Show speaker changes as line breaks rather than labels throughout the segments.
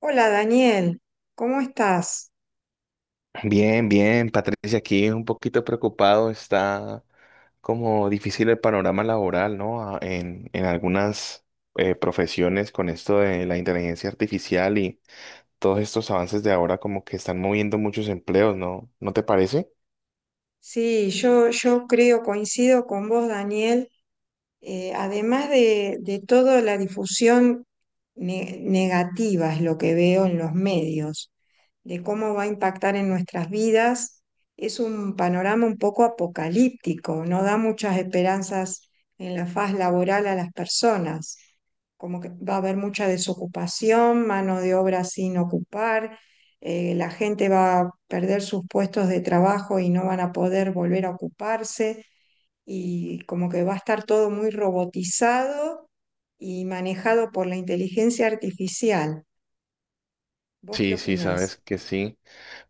Hola Daniel, ¿cómo estás?
Bien, bien, Patricia, aquí un poquito preocupado, está como difícil el panorama laboral, ¿no? En algunas profesiones con esto de la inteligencia artificial y todos estos avances de ahora como que están moviendo muchos empleos, ¿no? ¿No te parece?
Sí, yo creo, coincido con vos, Daniel. Además de toda la difusión negativa, es lo que veo en los medios, de cómo va a impactar en nuestras vidas, es un panorama un poco apocalíptico, no da muchas esperanzas en la faz laboral a las personas, como que va a haber mucha desocupación, mano de obra sin ocupar. La gente va a perder sus puestos de trabajo y no van a poder volver a ocuparse, y como que va a estar todo muy robotizado y manejado por la inteligencia artificial. ¿Vos qué
Sí, sí, sabes
opinás?
que sí,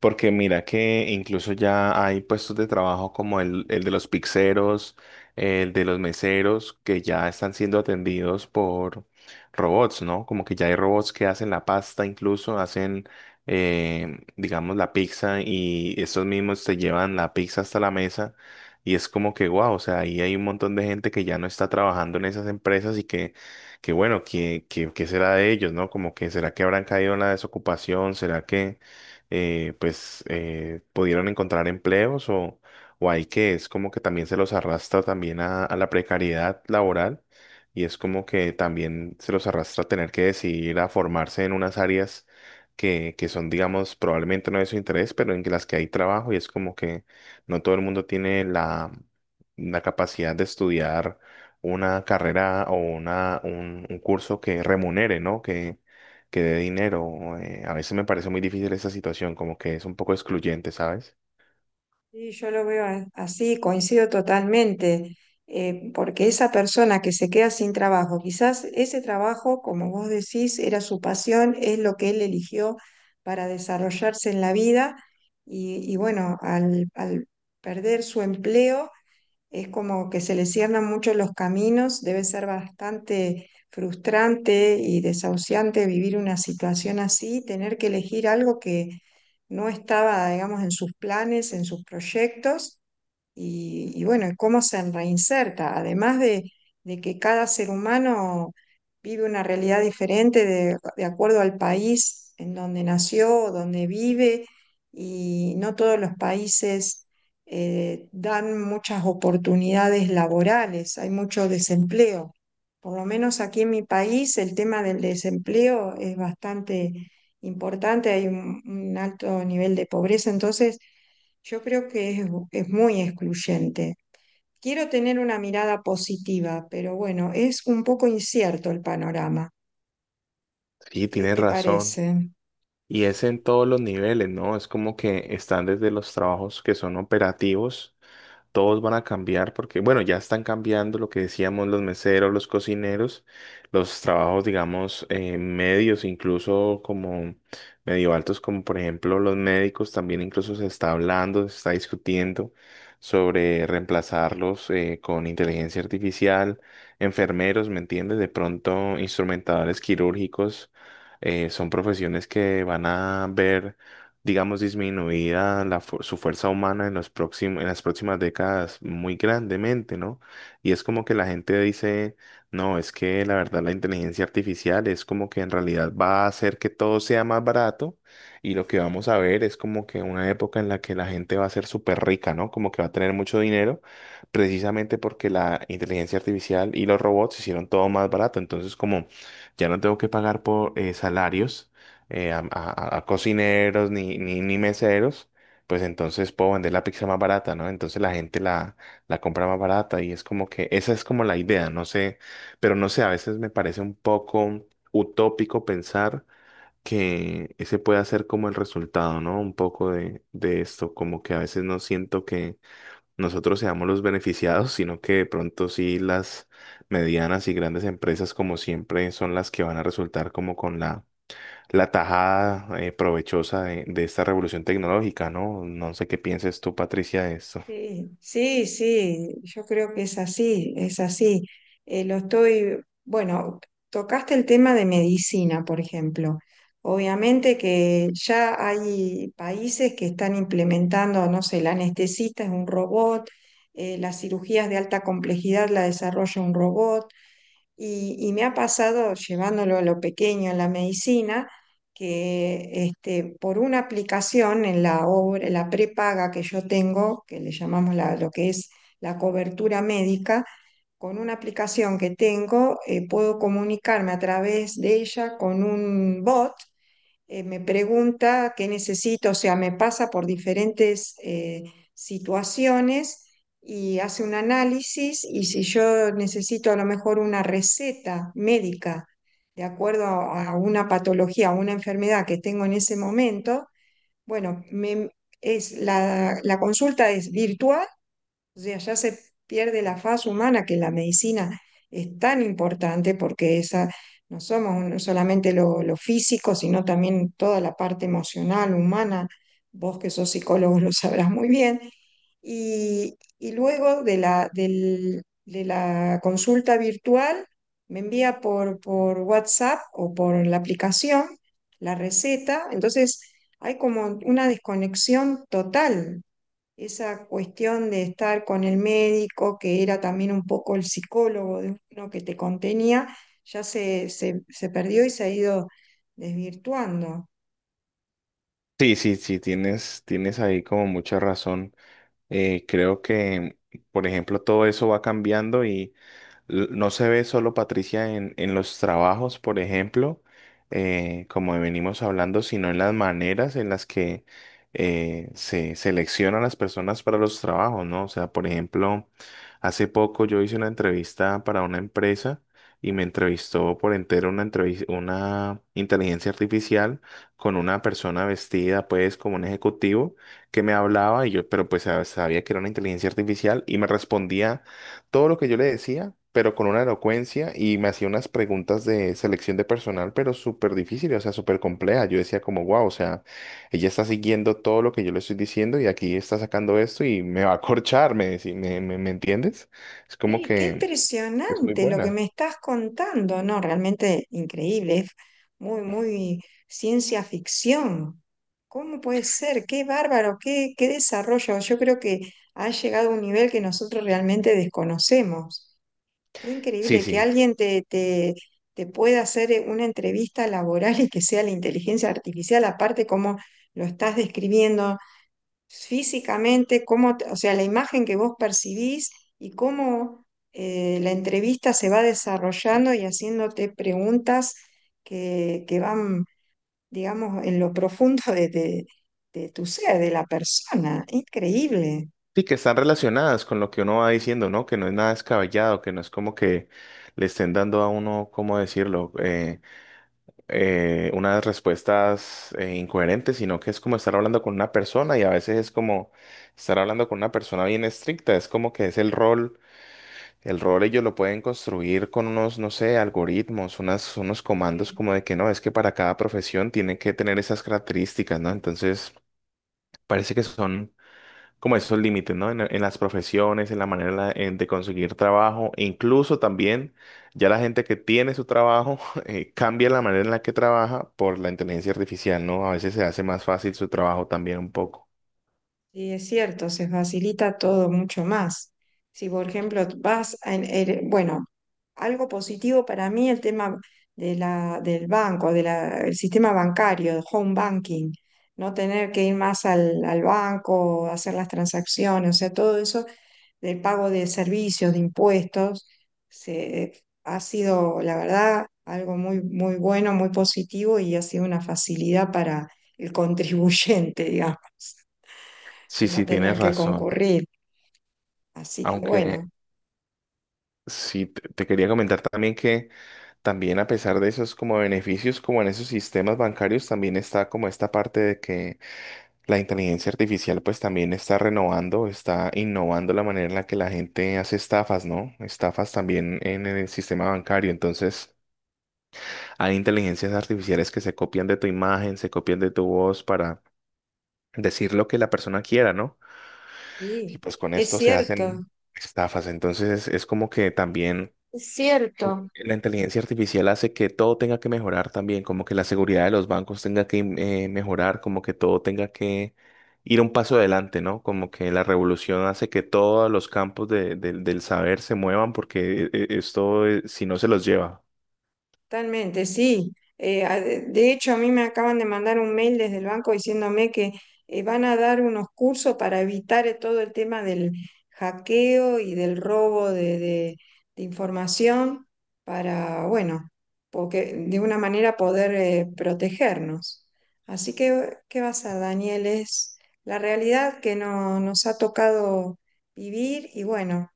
porque mira que incluso ya hay puestos de trabajo como el de los pizzeros, el de los meseros, que ya están siendo atendidos por robots, ¿no? Como que ya hay robots que hacen la pasta, incluso hacen, digamos, la pizza y estos mismos te llevan la pizza hasta la mesa y es como que, wow, o sea, ahí hay un montón de gente que ya no está trabajando en esas empresas y que bueno, que será de ellos, ¿no? Como que será que habrán caído en la desocupación, será que pues pudieron encontrar empleos o hay que es como que también se los arrastra también a la precariedad laboral y es como que también se los arrastra a tener que decidir a formarse en unas áreas que son, digamos, probablemente no de su interés, pero en las que hay trabajo y es como que no todo el mundo tiene la, la capacidad de estudiar una carrera o una, un curso que remunere, ¿no? Que dé dinero. A veces me parece muy difícil esa situación, como que es un poco excluyente, ¿sabes?
Sí, yo lo veo así, coincido totalmente. Porque esa persona que se queda sin trabajo, quizás ese trabajo, como vos decís, era su pasión, es lo que él eligió para desarrollarse en la vida. Y bueno, al perder su empleo, es como que se le cierran mucho los caminos. Debe ser bastante frustrante y desahuciante vivir una situación así, tener que elegir algo que no estaba, digamos, en sus planes, en sus proyectos. Y bueno, ¿y cómo se reinserta? Además de que cada ser humano vive una realidad diferente de acuerdo al país en donde nació, donde vive, y no todos los países dan muchas oportunidades laborales, hay mucho desempleo. Por lo menos aquí en mi país el tema del desempleo es bastante importante, hay un alto nivel de pobreza. Entonces yo creo que es muy excluyente. Quiero tener una mirada positiva, pero bueno, es un poco incierto el panorama.
Sí,
¿Qué
tienes
te
razón.
parece?
Y es en todos los niveles, ¿no? Es como que están desde los trabajos que son operativos. Todos van a cambiar porque, bueno, ya están cambiando lo que decíamos, los meseros, los cocineros, los trabajos, digamos, medios, incluso como medio altos, como por ejemplo los médicos, también incluso se está hablando, se está discutiendo sobre reemplazarlos con inteligencia artificial, enfermeros, ¿me entiendes? De pronto, instrumentadores quirúrgicos, son profesiones que van a ver digamos, disminuida la su fuerza humana en los en las próximas décadas muy grandemente, ¿no? Y es como que la gente dice, no, es que la verdad la inteligencia artificial es como que en realidad va a hacer que todo sea más barato y lo que vamos a ver es como que una época en la que la gente va a ser súper rica, ¿no? Como que va a tener mucho dinero precisamente porque la inteligencia artificial y los robots hicieron todo más barato, entonces como ya no tengo que pagar por salarios a cocineros ni meseros, pues entonces puedo vender la pizza más barata, ¿no? Entonces la gente la, la compra más barata y es como que esa es como la idea, no sé, pero no sé, a veces me parece un poco utópico pensar que ese puede ser como el resultado, ¿no? Un poco de esto, como que a veces no siento que nosotros seamos los beneficiados, sino que de pronto sí las medianas y grandes empresas como siempre son las que van a resultar como con la la tajada provechosa de esta revolución tecnológica, ¿no? No sé qué pienses tú, Patricia, de esto.
Sí, sí, sí, yo creo que es así, es así. Eh, lo estoy, bueno, Tocaste el tema de medicina, por ejemplo. Obviamente que ya hay países que están implementando, no sé, el anestesista es un robot. Las cirugías de alta complejidad la desarrolla un robot. Y me ha pasado, llevándolo a lo pequeño, a la medicina, que este, por una aplicación en la obra, la prepaga que yo tengo, que le llamamos lo que es la cobertura médica, con una aplicación que tengo, puedo comunicarme a través de ella con un bot. Me pregunta qué necesito, o sea, me pasa por diferentes situaciones y hace un análisis, y si yo necesito a lo mejor una receta médica de acuerdo a una patología, a una enfermedad que tengo en ese momento, bueno, es la consulta es virtual. O sea, ya se pierde la faz humana, que la medicina es tan importante porque esa, no somos no solamente lo físico, sino también toda la parte emocional, humana. Vos que sos psicólogo lo sabrás muy bien. Y y luego de de la consulta virtual, me envía por WhatsApp o por la aplicación la receta. Entonces, hay como una desconexión total, esa cuestión de estar con el médico, que era también un poco el psicólogo de uno que te contenía, ya se perdió y se ha ido desvirtuando.
Sí, sí, sí, tienes, tienes ahí como mucha razón. Creo que, por ejemplo, todo eso va cambiando y no se ve solo Patricia en los trabajos, por ejemplo, como venimos hablando, sino en las maneras en las que se seleccionan las personas para los trabajos, ¿no? O sea, por ejemplo, hace poco yo hice una entrevista para una empresa y me entrevistó por entero una inteligencia artificial con una persona vestida, pues, como un ejecutivo que me hablaba y yo, pero pues sabía que era una inteligencia artificial y me respondía todo lo que yo le decía, pero con una elocuencia y me hacía unas preguntas de selección de personal, pero súper difíciles, o sea, súper complejas. Yo decía como, wow, o sea, ella está siguiendo todo lo que yo le estoy diciendo y aquí está sacando esto y me va a corchar, me, decí- me, me, ¿me entiendes? Es como
Sí, qué
que es muy
impresionante lo que
buena.
me estás contando, ¿no? Realmente increíble, es muy, muy ciencia ficción. ¿Cómo puede ser? Qué bárbaro, qué, qué desarrollo. Yo creo que ha llegado a un nivel que nosotros realmente desconocemos. Qué
Sí,
increíble que
sí.
alguien te pueda hacer una entrevista laboral y que sea la inteligencia artificial. Aparte cómo lo estás describiendo físicamente, cómo, o sea, la imagen que vos percibís y cómo la entrevista se va desarrollando y haciéndote preguntas que van, digamos, en lo profundo de tu ser, de la persona. Increíble.
Sí, que están relacionadas con lo que uno va diciendo, ¿no? Que no es nada descabellado, que no es como que le estén dando a uno, ¿cómo decirlo? Unas respuestas incoherentes, sino que es como estar hablando con una persona y a veces es como estar hablando con una persona bien estricta, es como que es el rol ellos lo pueden construir con unos, no sé, algoritmos, unas, unos comandos
Sí.
como de que no, es que para cada profesión tienen que tener esas características, ¿no? Entonces, parece que son como esos límites, ¿no? En las profesiones, en la manera de conseguir trabajo, e incluso también ya la gente que tiene su trabajo cambia la manera en la que trabaja por la inteligencia artificial, ¿no? A veces se hace más fácil su trabajo también un poco.
Sí, es cierto, se facilita todo mucho más. Si, por ejemplo, vas a... bueno, algo positivo para mí el tema de del banco, del sistema bancario, el home banking, no tener que ir más al banco, hacer las transacciones, o sea, todo eso del pago de servicios, de impuestos, se, ha sido, la verdad, algo muy, muy bueno, muy positivo, y ha sido una facilidad para el contribuyente, digamos, de
Sí,
no
sí, tienes
tener que
razón.
concurrir. Así que
Aunque
bueno,
sí, te quería comentar también que también a pesar de esos como beneficios, como en esos sistemas bancarios, también está como esta parte de que la inteligencia artificial pues también está renovando, está innovando la manera en la que la gente hace estafas, ¿no? Estafas también en el sistema bancario. Entonces, hay inteligencias artificiales que se copian de tu imagen, se copian de tu voz para decir lo que la persona quiera, ¿no? Y
sí,
pues con
es
esto se
cierto,
hacen estafas. Entonces, es como que también
es cierto.
la inteligencia artificial hace que todo tenga que mejorar también, como que la seguridad de los bancos tenga que mejorar, como que todo tenga que ir un paso adelante, ¿no? Como que la revolución hace que todos los campos del saber se muevan porque si no, se los lleva.
Totalmente, sí. De hecho, a mí me acaban de mandar un mail desde el banco diciéndome que van a dar unos cursos para evitar todo el tema del hackeo y del robo de información para, bueno, porque de una manera poder protegernos. Así que, ¿qué vas a, Daniel? Es la realidad que nos ha tocado vivir y bueno.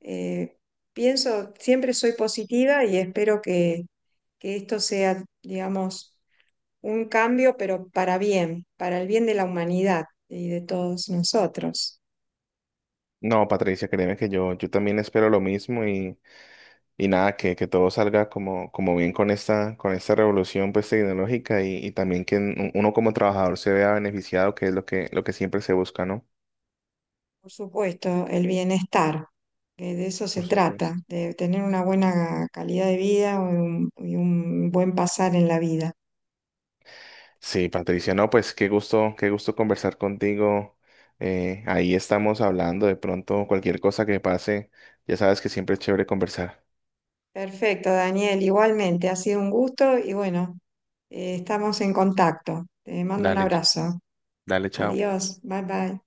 Eh, Pienso, siempre soy positiva y espero que esto sea, digamos, un cambio, pero para bien, para el bien de la humanidad y de todos nosotros.
No, Patricia, créeme que yo también espero lo mismo. Y nada, que todo salga como, como bien con esta revolución pues, tecnológica y también que uno como trabajador se vea beneficiado, que es lo que siempre se busca, ¿no?
Por supuesto, el bienestar, que de eso se
Por
trata,
supuesto.
de tener una buena calidad de vida y y un buen pasar en la vida.
Sí, Patricia, no, pues qué gusto conversar contigo. Ahí estamos hablando de pronto cualquier cosa que pase, ya sabes que siempre es chévere conversar.
Perfecto, Daniel, igualmente, ha sido un gusto y bueno, estamos en contacto. Te mando un
Dale,
abrazo.
dale, chao.
Adiós, bye bye.